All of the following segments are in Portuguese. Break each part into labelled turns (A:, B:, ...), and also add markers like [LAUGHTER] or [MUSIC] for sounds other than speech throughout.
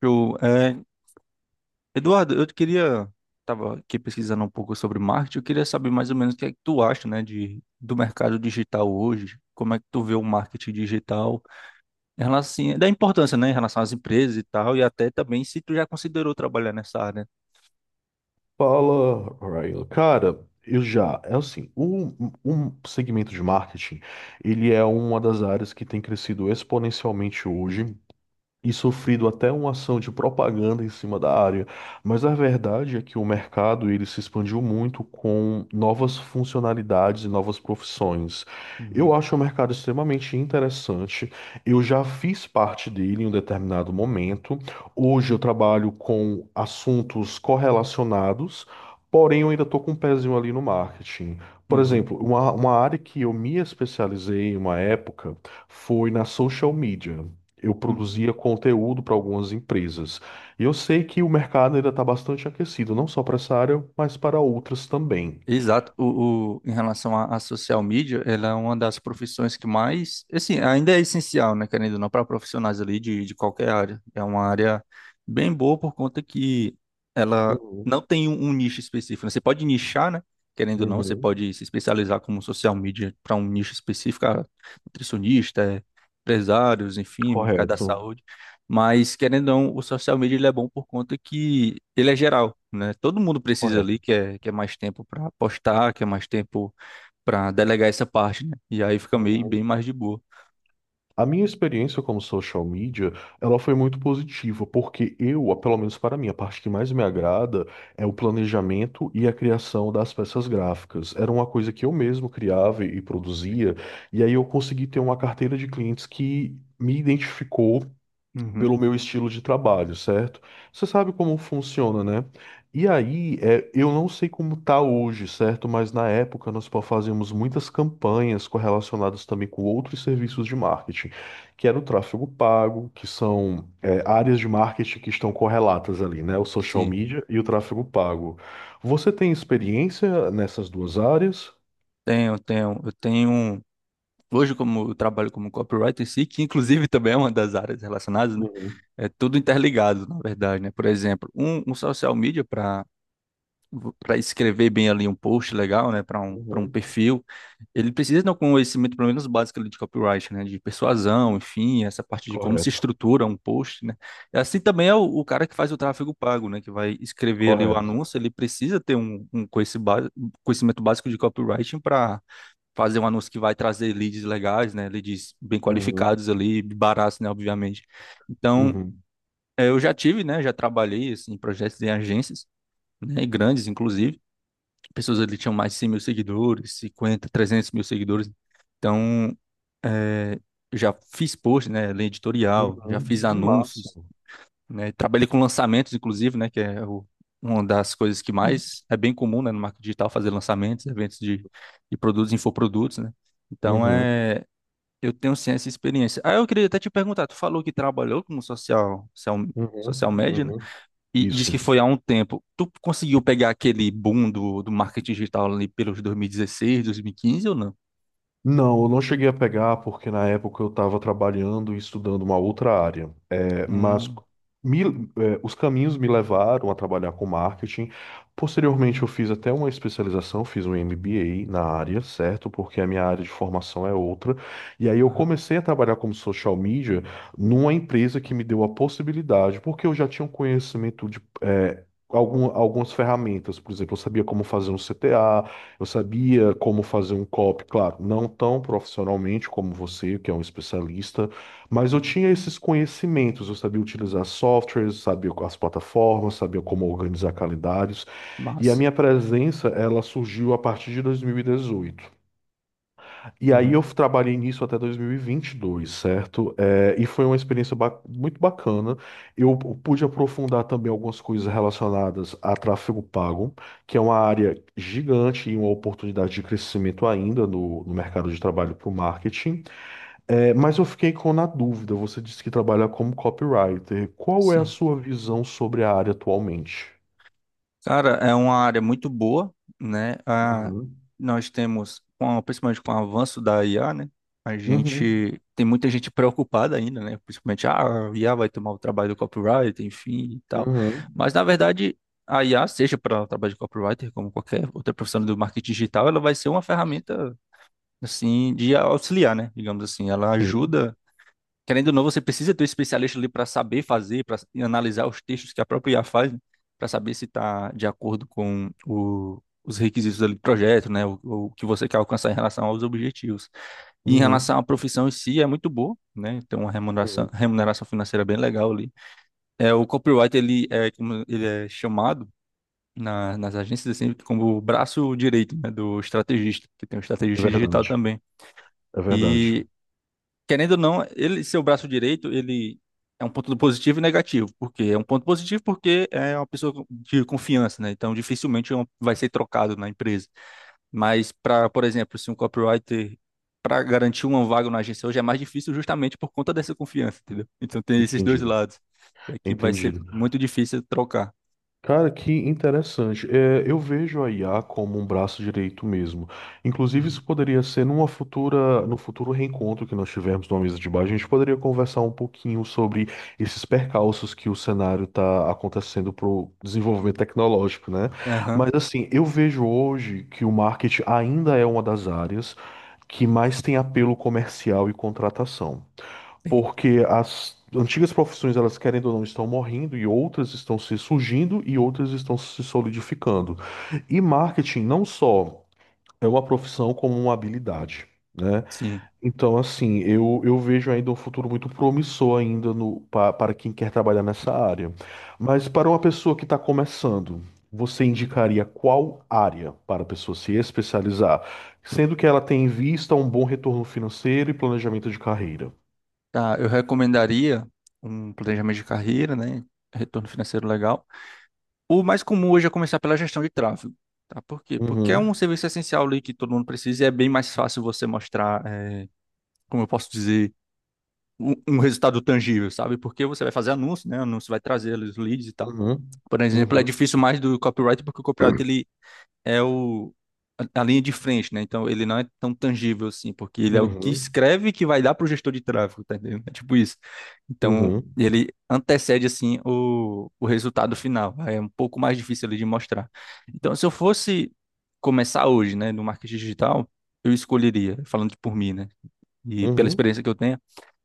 A: Show. Eduardo, eu queria, estava aqui pesquisando um pouco sobre marketing, eu queria saber mais ou menos o que é que tu acha, né, do mercado digital hoje, como é que tu vê o marketing digital, em relação, assim, da importância, né, em relação às empresas e tal, e até também se tu já considerou trabalhar nessa área.
B: Fala, Ryan. Cara, eu já, é assim, O um segmento de marketing, ele é uma das áreas que tem crescido exponencialmente hoje e sofrido até uma ação de propaganda em cima da área. Mas a verdade é que o mercado ele se expandiu muito com novas funcionalidades e novas profissões. Eu
A: Uhum,
B: acho o mercado extremamente interessante. Eu já fiz parte dele em um determinado momento. Hoje eu trabalho com assuntos correlacionados, porém eu ainda estou com um pezinho ali no marketing. Por
A: uhum,
B: exemplo, uma área que eu me especializei em uma época foi na social media. Eu
A: uhum.
B: produzia conteúdo para algumas empresas. E eu sei que o mercado ainda está bastante aquecido, não só para essa área, mas para outras também.
A: Exato. Em relação à social media, ela é uma das profissões que mais, assim, ainda é essencial, né, querendo ou não, para profissionais ali de qualquer área. É uma área bem boa por conta que ela
B: Uhum,
A: não tem um nicho específico. Né? Você pode nichar, né, querendo ou não, você
B: uhum.
A: pode se especializar como social media para um nicho específico, nutricionista, empresários, enfim, mercado da
B: Correto,
A: saúde. Mas, querendo ou não, o social media ele é bom por conta que ele é geral, né? Todo mundo precisa ali,
B: correto.
A: quer mais tempo para postar, quer mais tempo para delegar essa parte, né? E aí fica meio bem
B: Uhum.
A: mais de boa.
B: A minha experiência como social media, ela foi muito positiva, porque eu, pelo menos para mim, a parte que mais me agrada é o planejamento e a criação das peças gráficas. Era uma coisa que eu mesmo criava e produzia, e aí eu consegui ter uma carteira de clientes que me identificou
A: Uhum.
B: pelo meu estilo de trabalho, certo? Você sabe como funciona, né? E aí, eu não sei como tá hoje, certo? Mas na época fazíamos muitas campanhas correlacionadas também com outros serviços de marketing, que era o tráfego pago, que são, áreas de marketing que estão correlatas ali, né? O social
A: Sim,
B: media e o tráfego pago. Você tem experiência nessas duas áreas?
A: tenho. Eu tenho. Hoje, como eu trabalho como copywriter em si, que inclusive [LAUGHS] também é uma das áreas relacionadas, né?
B: Uhum,
A: É tudo interligado, na verdade, né? Por exemplo, um social media para escrever bem ali um post legal, né, para um
B: uhum.
A: perfil, ele precisa ter um conhecimento pelo menos básico ali de copyright, né, de persuasão, enfim, essa parte de como se
B: Correto,
A: estrutura um post, né. E assim também é o cara que faz o tráfego pago, né, que vai escrever ali o
B: correto.
A: anúncio, ele precisa ter um conhecimento básico de copywriting para fazer um anúncio que vai trazer leads legais, né, leads bem
B: Uhum,
A: qualificados ali, baratos, né, obviamente. Então,
B: uhum,
A: eu já tive, né, já trabalhei assim em projetos em agências, né, grandes inclusive pessoas ali tinham mais de 100 mil seguidores, 50, 300 mil seguidores. Então, é, já fiz post, né, linha editorial, já
B: uhum.
A: fiz
B: Que massa.
A: anúncios, né, trabalhei com lançamentos, inclusive, né, que é uma das coisas que mais é bem comum, né, no marketing digital, fazer lançamentos, eventos de produtos, infoprodutos, né. Então,
B: Uhum.
A: eu tenho sim essa experiência. Ah, eu queria até te perguntar, tu falou que trabalhou como
B: Uhum,
A: social media, né?
B: uhum.
A: E diz
B: Isso.
A: que foi há um tempo. Tu conseguiu pegar aquele boom do marketing digital ali pelos 2016, 2015 ou não?
B: Não, eu não cheguei a pegar porque na época eu estava trabalhando e estudando uma outra área. É, mas
A: Hum,
B: me- os caminhos me levaram a trabalhar com marketing. Posteriormente, eu fiz até uma especialização, fiz um MBA na área, certo? Porque a minha área de formação é outra. E aí eu
A: aham.
B: comecei a trabalhar como social media numa empresa que me deu a possibilidade, porque eu já tinha um conhecimento de. Algumas ferramentas, por exemplo, eu sabia como fazer um CTA. Eu sabia como fazer um copy, claro, não tão profissionalmente como você, que é um especialista, mas eu tinha esses conhecimentos, eu sabia utilizar softwares, sabia as plataformas, sabia como organizar calendários, e a
A: Massa.
B: minha presença, ela surgiu a partir de 2018. E aí
A: Uhum,
B: eu trabalhei nisso até 2022, certo? E foi uma experiência muito bacana. Eu pude aprofundar também algumas coisas relacionadas a tráfego pago, que é uma área gigante e uma oportunidade de crescimento ainda no mercado de trabalho para o marketing. É, mas eu fiquei com na dúvida. Você disse que trabalha como copywriter. Qual é a
A: sim.
B: sua visão sobre a área atualmente?
A: Cara, é uma área muito boa, né? Ah,
B: Uhum.
A: nós temos, principalmente com o avanço da IA, né? A
B: Uhum.
A: gente tem muita gente preocupada ainda, né? Principalmente, a IA vai tomar o trabalho do copywriter, enfim e tal.
B: Uhum.
A: Mas, na verdade, a IA, seja para o trabalho de copywriter, como qualquer outra profissional do marketing digital, ela vai ser uma ferramenta, assim, de auxiliar, né? Digamos assim, ela
B: Sim.
A: ajuda. Querendo ou não, você precisa ter um especialista ali para saber fazer, para analisar os textos que a própria IA faz, para saber se está de acordo com os requisitos ali do projeto, né? O que você quer alcançar em relação aos objetivos. E em
B: Uhum.
A: relação à profissão em si, é muito boa, né? Tem uma
B: Uhum.
A: remuneração financeira bem legal ali. É, o copyright, ele é, como ele é chamado nas agências assim, como o braço direito, né, do estrategista, que tem um
B: É
A: estrategista digital
B: verdade.
A: também.
B: É verdade.
A: E querendo ou não, ele, seu braço direito, ele é um ponto positivo e negativo. Por quê? É um ponto positivo porque é uma pessoa de confiança, né? Então, dificilmente é vai ser trocado na empresa. Mas, para, por exemplo, se um copywriter, para garantir uma vaga na agência hoje, é mais difícil justamente por conta dessa confiança, entendeu? Então, tem esses dois
B: Entendido.
A: lados. É que vai ser
B: Entendido.
A: muito difícil trocar.
B: Cara, que interessante. É, eu vejo a IA como um braço direito mesmo. Inclusive,
A: Uhum.
B: isso poderia ser numa futura, no futuro reencontro que nós tivermos numa mesa de bar, a gente poderia conversar um pouquinho sobre esses percalços que o cenário está acontecendo para o desenvolvimento tecnológico, né?
A: Aham,
B: Mas assim, eu vejo hoje que o marketing ainda é uma das áreas que mais tem apelo comercial e contratação
A: tem.
B: porque as antigas profissões, elas querendo ou não, estão morrendo e outras estão se surgindo e outras estão se solidificando. E marketing não só é uma profissão como uma habilidade. Né?
A: Sim.
B: Então, assim, eu vejo ainda um futuro muito promissor ainda no, pa- para quem quer trabalhar nessa área. Mas para uma pessoa que está começando, você indicaria qual área para a pessoa se especializar, sendo que ela tem em vista um bom retorno financeiro e planejamento de carreira?
A: Tá, eu recomendaria um planejamento de carreira, né? Retorno financeiro legal. O mais comum hoje é começar pela gestão de tráfego. Tá? Por quê? Porque é um serviço essencial ali que todo mundo precisa e é bem mais fácil você mostrar, como eu posso dizer, um resultado tangível, sabe? Porque você vai fazer anúncio, né? Anúncio vai trazer os leads e tal.
B: Uhum,
A: Por exemplo, é
B: uhum,
A: difícil mais do copyright porque o copyright ele é o a linha de frente, né? Então ele não é tão tangível assim, porque ele é o que
B: uhum,
A: escreve que vai dar pro gestor de tráfego, tá entendendo? É tipo isso. Então
B: uhum,
A: ele antecede assim o resultado final. É um pouco mais difícil ali de mostrar. Então se eu fosse começar hoje, né, no marketing digital, eu escolheria, falando por mim, né? E pela
B: uhum,
A: experiência que eu tenho.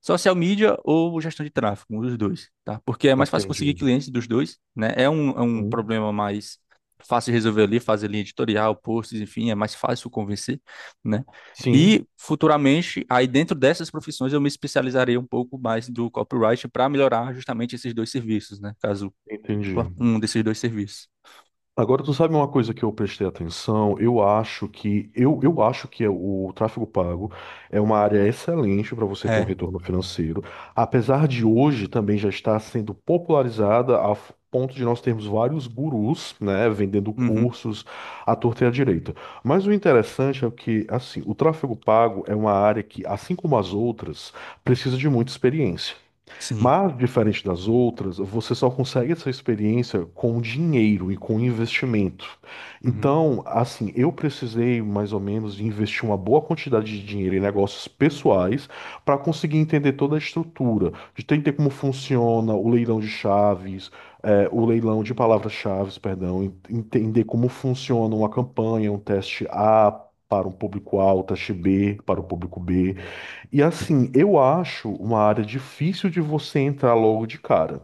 A: Social media ou gestão de tráfego, um dos dois, tá? Porque é mais fácil conseguir
B: entendi.
A: clientes dos dois, né? É um
B: Uhum.
A: problema mais fácil de resolver ali, fazer linha editorial, posts, enfim, é mais fácil convencer, né? E
B: Sim,
A: futuramente, aí dentro dessas profissões, eu me especializarei um pouco mais do copyright para melhorar justamente esses dois serviços, né? Caso
B: entendi.
A: um desses dois serviços.
B: Agora, tu sabe uma coisa que eu prestei atenção? Eu acho que é o tráfego pago é uma área excelente para você ter um
A: É,
B: retorno financeiro, apesar de hoje também já estar sendo popularizada a ponto de nós termos vários gurus, né, vendendo
A: uhum,
B: cursos à torta e à direita. Mas o interessante é que, assim, o tráfego pago é uma área que, assim como as outras, precisa de muita experiência.
A: sim.
B: Mas, diferente das outras, você só consegue essa experiência com dinheiro e com investimento.
A: Uhum.
B: Então, assim, eu precisei mais ou menos de investir uma boa quantidade de dinheiro em negócios pessoais para conseguir entender toda a estrutura, de entender como funciona o leilão de chaves, o leilão de palavras-chaves, perdão, entender como funciona uma campanha, um teste A. Para um público A, o teste B, para o público B. E assim, eu acho uma área difícil de você entrar logo de cara.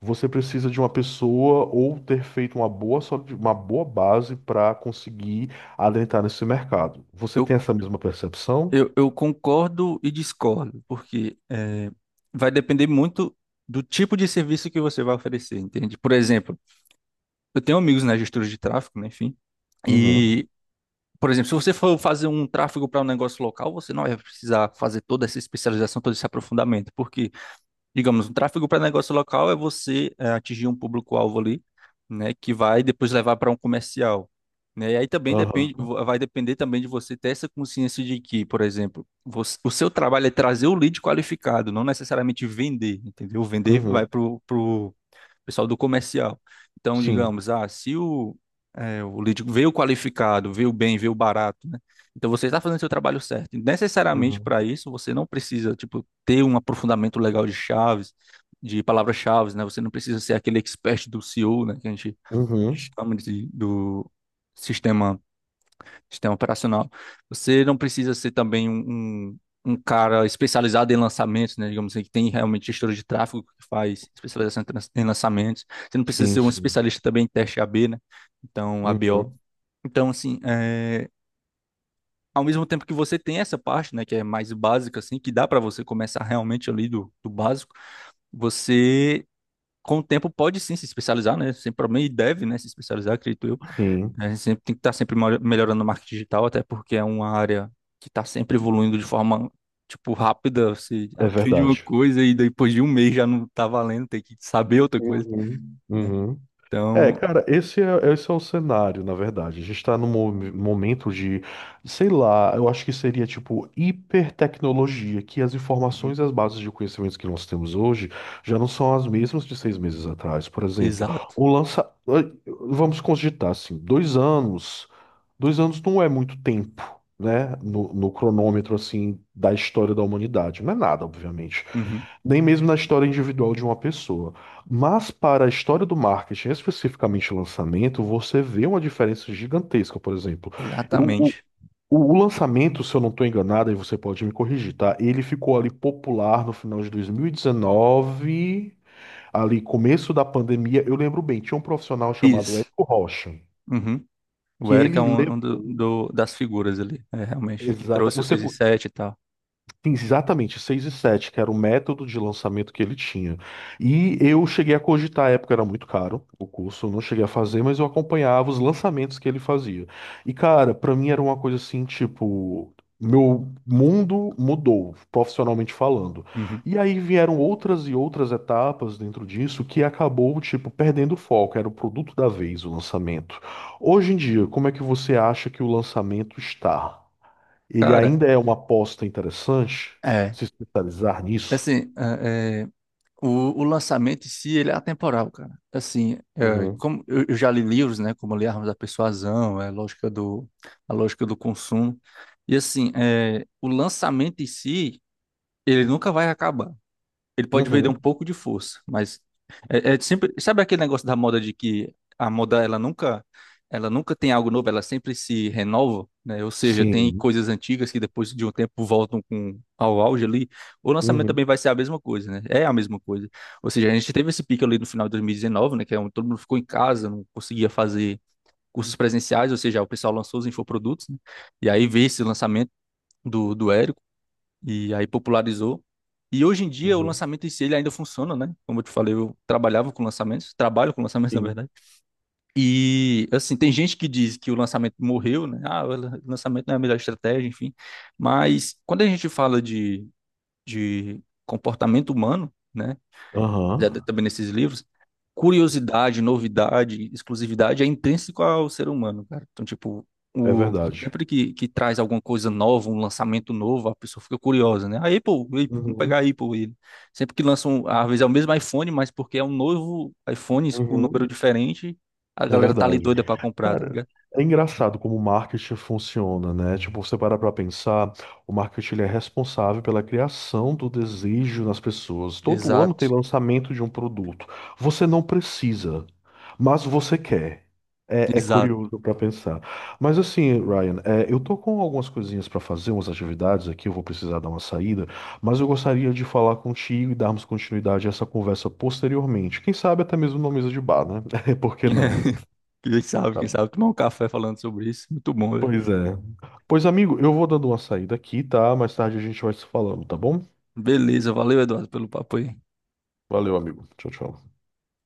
B: Você precisa de uma pessoa ou ter feito uma boa, uma boa base para conseguir adentrar nesse mercado. Você tem
A: Eu
B: essa mesma percepção?
A: eu concordo e discordo, porque vai depender muito do tipo de serviço que você vai oferecer, entende? Por exemplo, eu tenho amigos na gestora de tráfego, né, enfim,
B: Uhum.
A: e, por exemplo, se você for fazer um tráfego para um negócio local, você não vai precisar fazer toda essa especialização, todo esse aprofundamento, porque digamos, o tráfego para negócio local é você atingir um público-alvo ali, né, que vai depois levar para um comercial, né? E aí também depende,
B: Aham.
A: vai depender também de você ter essa consciência de que, por exemplo, o seu trabalho é trazer o lead qualificado, não necessariamente vender, entendeu? Vender vai
B: Uhum.
A: para o pessoal do comercial. Então,
B: Sim.
A: digamos, ah, se o lead veio qualificado, veio bem, veio barato, né? Então você está fazendo seu trabalho certo. E necessariamente
B: Uhum.
A: para isso, você não precisa, tipo, ter um aprofundamento legal de chaves, de palavras-chaves, né? Você não precisa ser aquele expert do CEO, né? Que a gente
B: Uhum.
A: chama de, do sistema, sistema operacional. Você não precisa ser também um cara especializado em lançamentos, né? Digamos assim, que tem realmente gestor de tráfego que faz especialização em em lançamentos. Você não precisa ser
B: Sim,
A: um
B: sim.
A: especialista também em teste A/B, né? Então, A/B/O.
B: Uhum.
A: Então, assim, ao mesmo tempo que você tem essa parte, né, que é mais básica, assim, que dá para você começar realmente ali do básico, você, com o tempo, pode sim se especializar, né? Sem problema, e deve, né, se especializar, acredito eu.
B: Sim.
A: A gente sempre tem que estar sempre melhorando o marketing digital, até porque é uma área que está sempre evoluindo de forma, tipo, rápida. Você [LAUGHS]
B: É
A: aprende uma
B: verdade.
A: coisa e depois de um mês já não tá valendo, tem que saber outra coisa,
B: Uhum.
A: né?
B: Uhum.
A: Então,
B: Cara, esse é o cenário, na verdade. A gente está num momento de, sei lá, eu acho que seria tipo hipertecnologia, que as
A: uhum.
B: informações e as bases de conhecimentos que nós temos hoje já não são as mesmas de 6 meses atrás. Por exemplo,
A: Exato.
B: o lança. Vamos cogitar assim, 2 anos. 2 anos não é muito tempo, né? No cronômetro, assim, da história da humanidade. Não é nada, obviamente
A: Uhum.
B: nem mesmo na história individual de uma pessoa. Mas para a história do marketing, especificamente lançamento, você vê uma diferença gigantesca, por exemplo. Eu, o,
A: Exatamente.
B: o lançamento, se eu não estou enganado, e você pode me corrigir, tá? Ele ficou ali popular no final de 2019, ali começo da pandemia. Eu lembro bem, tinha um profissional chamado
A: Isso.
B: Érico Rocha,
A: Uhum. O
B: que
A: Eric é
B: ele
A: um
B: levou.
A: das figuras ali, é, realmente, que
B: Exata.
A: trouxe o
B: Você,
A: 6 e 7 e tal.
B: sim, exatamente, 6 e 7 que era o método de lançamento que ele tinha. E eu cheguei a cogitar, à época era muito caro o curso, eu não cheguei a fazer, mas eu acompanhava os lançamentos que ele fazia. E cara, pra mim era uma coisa assim, tipo, meu mundo mudou, profissionalmente falando.
A: Uhum.
B: E aí vieram outras e outras etapas dentro disso que acabou, tipo, perdendo o foco, era o produto da vez, o lançamento. Hoje em dia, como é que você acha que o lançamento está? Ele
A: Cara,
B: ainda é uma aposta interessante
A: é.
B: se especializar nisso.
A: Assim, é, o, o lançamento em si, ele é atemporal, cara. Assim, é,
B: Uhum.
A: como eu já li livros, né? Como eu li Armas da Persuasão, é, A Lógica do Consumo. E assim, é, o lançamento em si, ele nunca vai acabar. Ele pode vender um
B: Uhum.
A: pouco de força, mas é sempre, sabe aquele negócio da moda de que a moda ela nunca tem algo novo, ela sempre se renova, né? Ou seja, tem
B: Sim.
A: coisas antigas que depois de um tempo voltam com ao auge ali. O lançamento
B: Uhum.
A: também vai ser a mesma coisa, né? É a mesma coisa. Ou seja, a gente teve esse pico ali no final de 2019, né? Que é onde todo mundo ficou em casa, não conseguia fazer cursos presenciais, ou seja, o pessoal lançou os infoprodutos, né? E aí veio esse lançamento do Érico e aí popularizou. E hoje em dia o
B: Uhum.
A: lançamento em si ele ainda funciona, né? Como eu te falei, eu trabalhava com lançamentos, trabalho com lançamentos, [LAUGHS] na
B: Sim.
A: verdade. E assim, tem gente que diz que o lançamento morreu, né? Ah, o lançamento não é a melhor estratégia, enfim. Mas quando a gente fala de comportamento humano, né? Né,
B: Aham.
A: também nesses livros, curiosidade, novidade, exclusividade é intrínseco ao ser humano, cara. Então, tipo,
B: É
A: o,
B: verdade.
A: sempre que traz alguma coisa nova, um lançamento novo, a pessoa fica curiosa, né? A Apple, vamos pegar a
B: Uhum.
A: Apple. Sempre que lançam, às vezes é o mesmo iPhone, mas porque é um novo iPhone com um número
B: Uhum.
A: diferente, a
B: É
A: galera tá ali
B: verdade.
A: doida pra comprar, tá
B: Cara,
A: ligado?
B: é engraçado como o marketing funciona, né? Tipo, você para pra pensar, o marketing ele é responsável pela criação do desejo nas pessoas. Todo ano tem
A: Exato,
B: lançamento de um produto. Você não precisa, mas você quer. É
A: exato.
B: curioso pra pensar. Mas assim, Ryan, eu tô com algumas coisinhas pra fazer, umas atividades aqui, eu vou precisar dar uma saída, mas eu gostaria de falar contigo e darmos continuidade a essa conversa posteriormente. Quem sabe até mesmo numa mesa de bar, né? [LAUGHS] Por que não?
A: [LAUGHS]
B: Tá
A: Quem sabe, tomar um café falando sobre isso. Muito bom, velho.
B: Pois é. Pois, amigo, eu vou dando uma saída aqui, tá? Mais tarde a gente vai se falando, tá bom?
A: Beleza, valeu, Eduardo, pelo papo aí.
B: Valeu, amigo. Tchau, tchau.